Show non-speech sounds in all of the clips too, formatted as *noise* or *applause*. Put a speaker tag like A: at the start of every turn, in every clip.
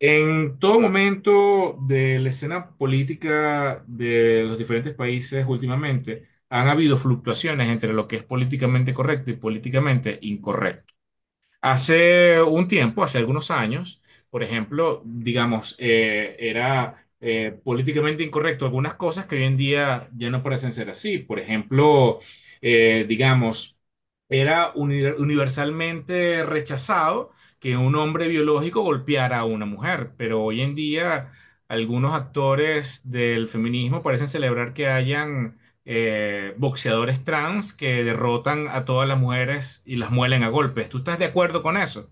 A: En todo momento de la escena política de los diferentes países últimamente, han habido fluctuaciones entre lo que es políticamente correcto y políticamente incorrecto. Hace un tiempo, hace algunos años, por ejemplo, digamos, era políticamente incorrecto algunas cosas que hoy en día ya no parecen ser así. Por ejemplo, digamos, era universalmente rechazado que un hombre biológico golpeara a una mujer, pero hoy en día algunos actores del feminismo parecen celebrar que hayan boxeadores trans que derrotan a todas las mujeres y las muelen a golpes. ¿Tú estás de acuerdo con eso?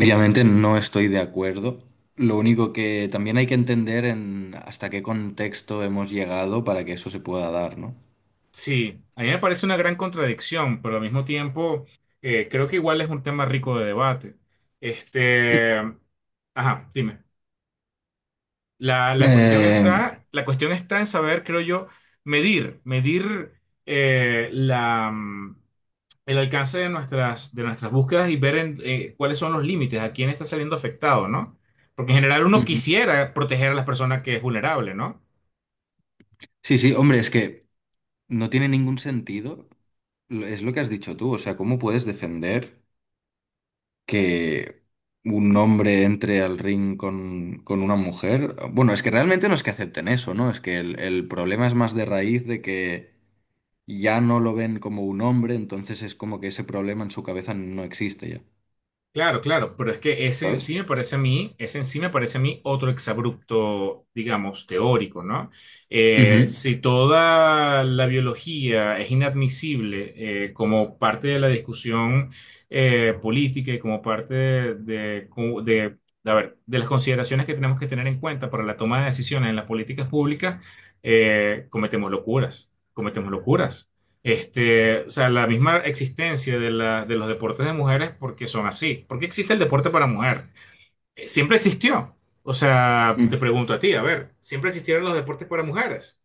B: Obviamente no estoy de acuerdo. Lo único que también hay que entender en hasta qué contexto hemos llegado para que eso se pueda dar, ¿no?
A: Sí, a mí me parece una gran contradicción, pero al mismo tiempo creo que igual es un tema rico de debate. Este, ajá, dime. La cuestión
B: Eh,
A: está, la cuestión está en saber, creo yo, medir eh, la, el alcance de nuestras búsquedas y ver en, cuáles son los límites, a quién está saliendo afectado, ¿no? Porque en general uno
B: Ujú.
A: quisiera proteger a las personas que es vulnerable, ¿no?
B: Sí, sí, hombre, es que no tiene ningún sentido. Es lo que has dicho tú, o sea, ¿cómo puedes defender que un hombre entre al ring con una mujer? Bueno, es que realmente no es que acepten eso, ¿no? Es que el problema es más de raíz de que ya no lo ven como un hombre, entonces es como que ese problema en su cabeza no existe ya,
A: Claro, claro, pero es que ese en
B: ¿sabes?
A: sí me parece a mí, ese en sí me parece a mí otro exabrupto, digamos, teórico, ¿no?
B: Ujú.
A: Si toda la biología es inadmisible como parte de la discusión política y como parte de, de, a ver, de las consideraciones que tenemos que tener en cuenta para la toma de decisiones en las políticas públicas, cometemos locuras, cometemos locuras. Este, o sea, la misma existencia de, de los deportes de mujeres porque son así. ¿Por qué existe el deporte para mujer? Siempre existió. O sea, te
B: Mm.
A: pregunto a ti, a ver, ¿siempre existieron los deportes para mujeres?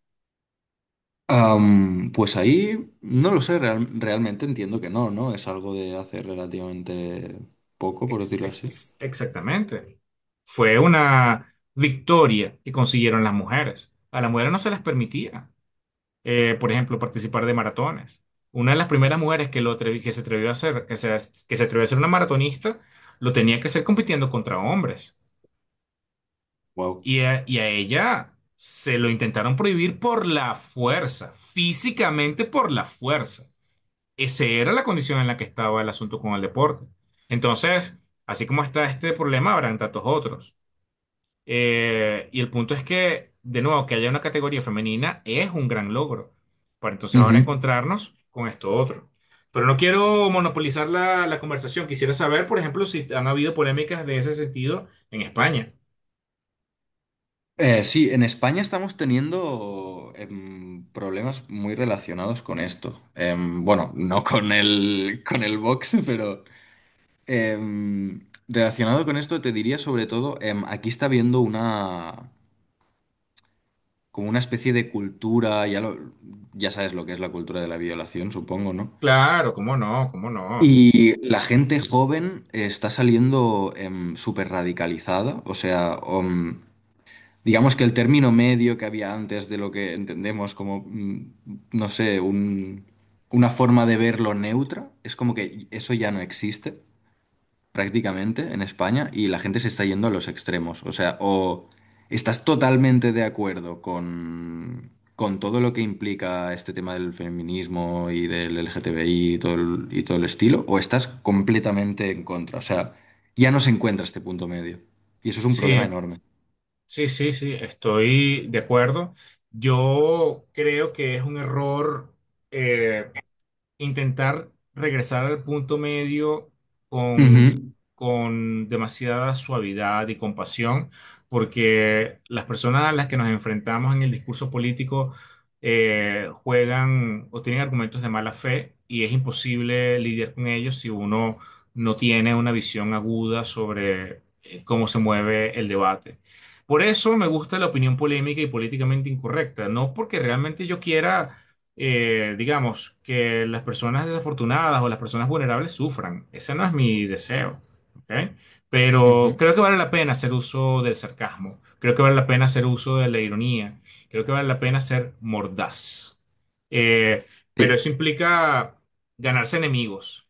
B: Pues ahí no lo sé, realmente entiendo que no, ¿no? Es algo de hace relativamente poco, por decirlo así.
A: Exactamente. Fue una victoria que consiguieron las mujeres. A las mujeres no se les permitía, por ejemplo, participar de maratones. Una de las primeras mujeres que, que se atrevió a hacer, que se atrevió a ser una maratonista, lo tenía que hacer compitiendo contra hombres.
B: Wow.
A: Y a ella se lo intentaron prohibir por la fuerza, físicamente por la fuerza. Esa era la condición en la que estaba el asunto con el deporte. Entonces, así como está este problema, habrán tantos otros. Y el punto es que, de nuevo, que haya una categoría femenina es un gran logro. Para entonces ahora
B: Ujú.
A: encontrarnos con esto otro. Pero no quiero monopolizar la conversación. Quisiera saber, por ejemplo, si han habido polémicas de ese sentido en España.
B: Sí, en España estamos teniendo problemas muy relacionados con esto. Bueno, no con el, box, *laughs* pero... Relacionado con esto, te diría sobre todo, aquí está habiendo como una especie de cultura, ya sabes lo que es la cultura de la violación, supongo, ¿no?
A: Claro, cómo no, cómo no.
B: Y la gente joven está saliendo súper radicalizada, o sea, digamos que el término medio que había antes de lo que entendemos como, no sé, una forma de verlo neutra, es como que eso ya no existe prácticamente en España y la gente se está yendo a los extremos. O sea, o estás totalmente de acuerdo con todo lo que implica este tema del feminismo y del LGTBI y todo el estilo, o estás completamente en contra. O sea, ya no se encuentra este punto medio. Y eso es un problema
A: Sí,
B: enorme.
A: sí, sí, sí, estoy de acuerdo. Yo creo que es un error. eh, Intentar regresar al punto medio con,
B: Ujú,
A: con demasiada suavidad y compasión, porque las personas a las que nos enfrentamos en el discurso político juegan o tienen argumentos de mala fe y es imposible lidiar con ellos si uno no tiene una visión aguda sobre cómo se mueve el debate. Por eso me gusta la opinión polémica y políticamente incorrecta, no porque realmente yo quiera digamos, que las personas desafortunadas o las personas vulnerables sufran. Ese no es mi deseo, ¿ok? Pero
B: ujú.
A: creo que vale la pena hacer uso del sarcasmo, creo que vale la pena hacer uso de la ironía, creo que vale la pena ser mordaz. Eh, pero
B: Sí.
A: eso implica ganarse enemigos.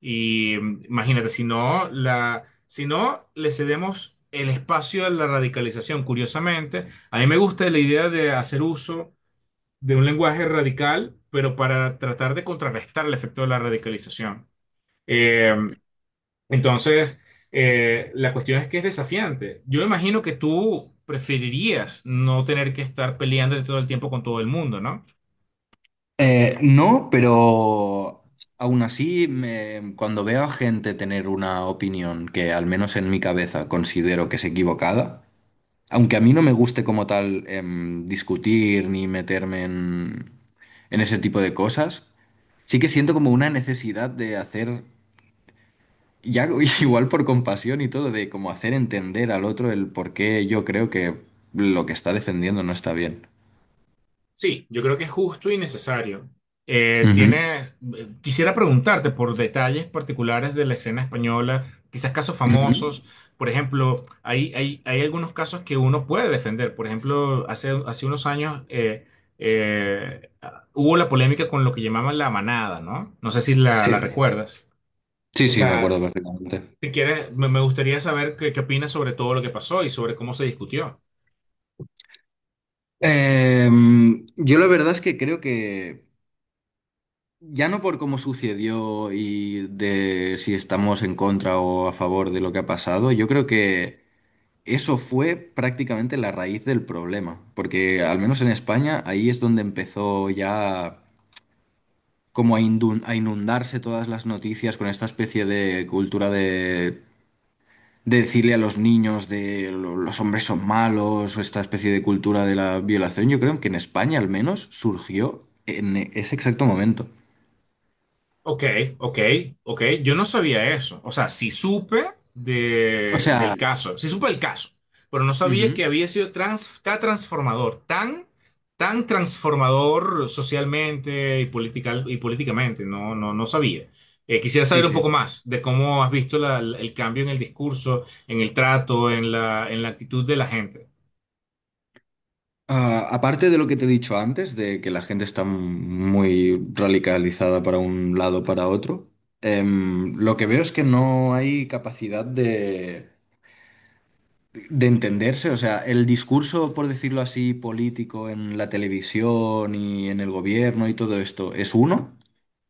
A: Y imagínate, si no, si no le cedemos el espacio a la radicalización, curiosamente, a mí me gusta la idea de hacer uso de un lenguaje radical, pero para tratar de contrarrestar el efecto de la radicalización. Eh, entonces, la cuestión es que es desafiante. Yo imagino que tú preferirías no tener que estar peleándote todo el tiempo con todo el mundo, ¿no?
B: No, pero aún así, cuando veo a gente tener una opinión que al menos en mi cabeza considero que es equivocada, aunque a mí no me guste como tal discutir ni meterme en ese tipo de cosas, sí que siento como una necesidad de hacer, ya *laughs* igual por compasión y todo, de como hacer entender al otro el por qué yo creo que lo que está defendiendo no está bien.
A: Sí, yo creo que es justo y necesario.
B: Ujú,
A: Quisiera preguntarte por detalles particulares de la escena española, quizás casos
B: ujú.
A: famosos. Por ejemplo, hay algunos casos que uno puede defender. Por ejemplo, hace unos años eh, hubo la polémica con lo que llamaban la manada, ¿no? No sé si la
B: Sí,
A: recuerdas.
B: sí,
A: O
B: sí, me
A: sea,
B: acuerdo perfectamente.
A: si quieres, me gustaría saber qué opinas sobre todo lo que pasó y sobre cómo se discutió.
B: Yo la verdad es que creo que ya no por cómo sucedió y de si estamos en contra o a favor de lo que ha pasado, yo creo que eso fue prácticamente la raíz del problema, porque al menos en España ahí es donde empezó ya como a inundarse todas las noticias con esta especie de cultura de decirle a los niños los hombres son malos, o esta especie de cultura de la violación, yo creo que en España al menos surgió en ese exacto momento.
A: Ok, ok, ok. Yo no sabía eso. O sea, sí supe
B: O
A: de,
B: sea...
A: del caso, sí supe el caso, pero no sabía que
B: Ujú.
A: había sido tan transformador, tan, tan transformador socialmente y, y políticamente. No, no, no sabía. Quisiera
B: Sí,
A: saber un
B: sí.
A: poco más de cómo has visto el cambio en el discurso, en el trato, en en la actitud de la gente.
B: Ah, aparte de lo que te he dicho antes, de que la gente está muy radicalizada para un lado para otro, lo que veo es que no hay capacidad de entenderse. O sea, el discurso, por decirlo así, político en la televisión y en el gobierno y todo esto es uno,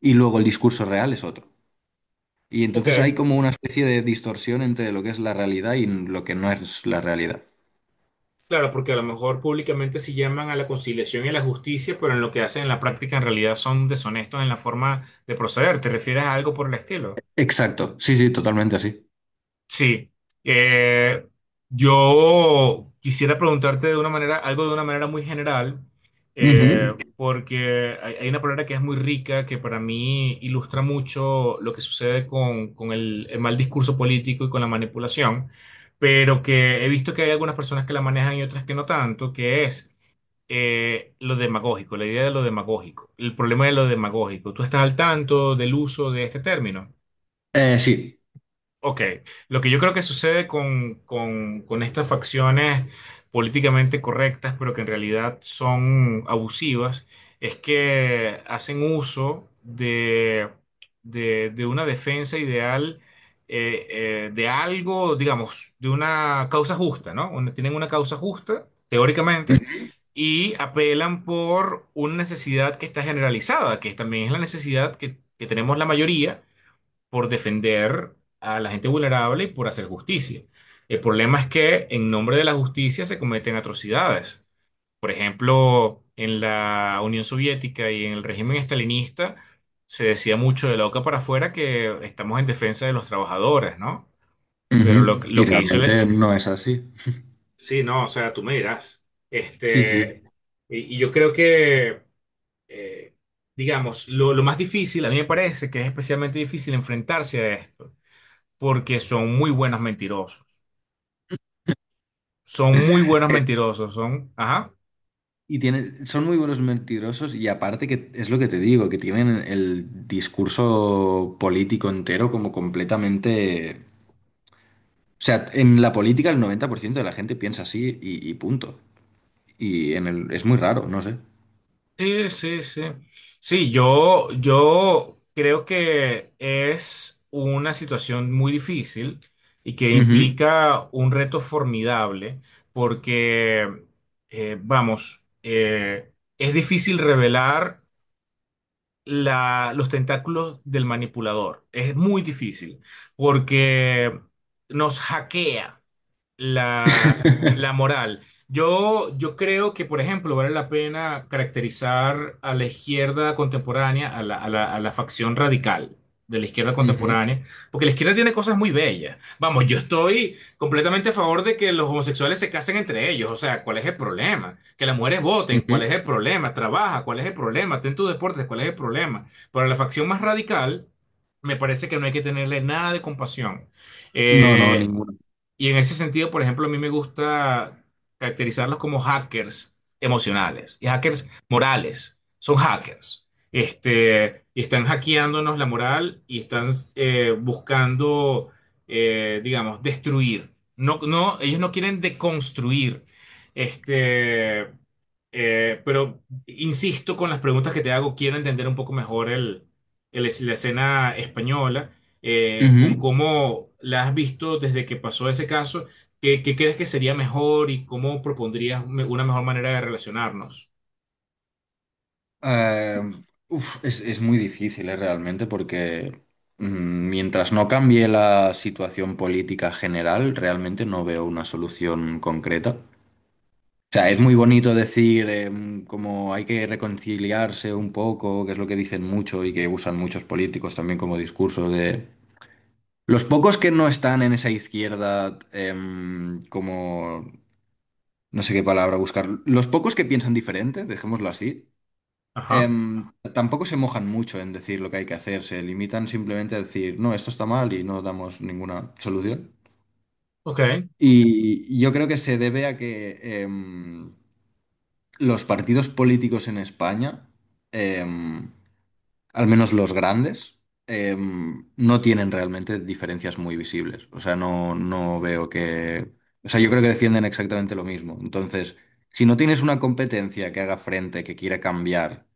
B: y luego el discurso real es otro. Y
A: Ok.
B: entonces hay como una especie de distorsión entre lo que es la realidad y lo que no es la realidad.
A: Claro, porque a lo mejor públicamente sí llaman a la conciliación y a la justicia, pero en lo que hacen en la práctica en realidad son deshonestos en la forma de proceder. ¿Te refieres a algo por el estilo?
B: Exacto, sí, sí, totalmente así.
A: Sí. Eh, yo quisiera preguntarte de una manera, algo de una manera muy general,
B: Ujú.
A: porque hay una palabra que es muy rica, que para mí ilustra mucho lo que sucede con el mal discurso político y con la manipulación, pero que he visto que hay algunas personas que la manejan y otras que no tanto, que es lo demagógico, la idea de lo demagógico, el problema de lo demagógico. ¿Tú estás al tanto del uso de este término?
B: Sí.
A: Ok, lo que yo creo que sucede con, con estas facciones políticamente correctas, pero que en realidad son abusivas, es que hacen uso de, de una defensa ideal, de algo, digamos, de una causa justa, ¿no? Tienen una causa justa, teóricamente, y apelan por una necesidad que está generalizada, que también es la necesidad que tenemos la mayoría por defender a la gente vulnerable y por hacer justicia. El problema es que en nombre de la justicia se cometen atrocidades. Por ejemplo, en la Unión Soviética y en el régimen estalinista se decía mucho de la boca para afuera que estamos en defensa de los trabajadores, ¿no? Pero
B: Ujú. Y
A: lo que hizo
B: realmente
A: el...
B: no es así.
A: Sí, no, o sea, tú me dirás.
B: Sí, sí.
A: Este, y yo creo que, eh, digamos, lo más difícil, a mí me parece que es especialmente difícil enfrentarse a esto porque son muy buenos mentirosos. Son muy buenos mentirosos, son, ajá.
B: Y tienen, son muy buenos mentirosos y aparte que es lo que te digo, que tienen el discurso político entero como completamente... O sea, en la política el 90% de la gente piensa así y punto. Y es muy raro, no sé.
A: Sí, sí, sí. Sí, yo creo que es una situación muy difícil y que
B: Ujú.
A: implica un reto formidable porque, es difícil revelar los tentáculos del manipulador. Es muy difícil porque nos hackea la, la
B: *laughs*
A: moral. Yo creo que, por ejemplo, vale la pena caracterizar a la izquierda contemporánea, a a la facción radical de la izquierda
B: Ujú,
A: contemporánea, porque la izquierda tiene cosas muy bellas. Vamos, yo estoy completamente a favor de que los homosexuales se casen entre ellos, o sea, ¿cuál es el problema? Que las mujeres voten, ¿cuál
B: ujú.
A: es el problema? Trabaja, ¿cuál es el problema? Ten tus deportes, ¿cuál es el problema? Pero la facción más radical, me parece que no hay que tenerle nada de compasión.
B: No, no,
A: Eh,
B: ninguno.
A: y en ese sentido, por ejemplo, a mí me gusta caracterizarlos como hackers emocionales y hackers morales. Son hackers. Este, y están hackeándonos la moral y están buscando, digamos, destruir. No, no, ellos no quieren deconstruir. Este, pero insisto con las preguntas que te hago, quiero entender un poco mejor el, la escena española con cómo la has visto desde que pasó ese caso, ¿qué, qué crees que sería mejor y cómo propondrías una mejor manera de relacionarnos?
B: Eh, Uf, es muy difícil, realmente, porque mientras no cambie la situación política general, realmente no veo una solución concreta. O sea, es muy bonito decir como hay que reconciliarse un poco, que es lo que dicen mucho y que usan muchos políticos también como discurso de... Los pocos que no están en esa izquierda, como... No sé qué palabra buscar. Los pocos que piensan diferente, dejémoslo así.
A: Ajá,
B: Tampoco se mojan mucho en decir lo que hay que hacer, se limitan simplemente a decir, no, esto está mal y no damos ninguna solución.
A: ok.
B: Y yo creo que se debe a que los partidos políticos en España, em, al menos los grandes, no tienen realmente diferencias muy visibles. O sea, no, no veo que... O sea, yo creo que defienden exactamente lo mismo. Entonces, si no tienes una competencia que haga frente, que quiera cambiar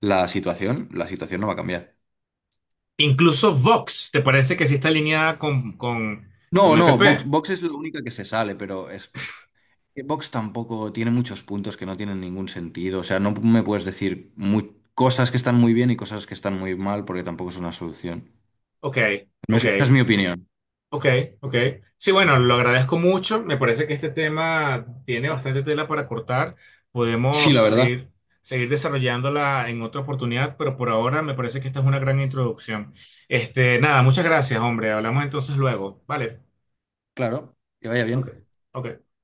B: la situación no va a cambiar.
A: Incluso Vox, ¿te parece que sí está alineada
B: No,
A: con el
B: no, Vox,
A: PP?
B: Vox es la única que se sale, pero es que Vox tampoco tiene muchos puntos que no tienen ningún sentido. O sea, no me puedes decir cosas que están muy bien y cosas que están muy mal porque tampoco es una solución.
A: Ok,
B: Al menos
A: ok.
B: esa es mi opinión.
A: Ok, ok. Sí, bueno, lo agradezco mucho. Me parece que este tema tiene bastante tela para cortar.
B: Sí, la
A: Podemos
B: verdad.
A: seguir, seguir desarrollándola en otra oportunidad, pero por ahora me parece que esta es una gran introducción. Este, nada, muchas gracias, hombre. Hablamos entonces luego. Vale.
B: Claro, que vaya
A: Ok,
B: bien.
A: ok.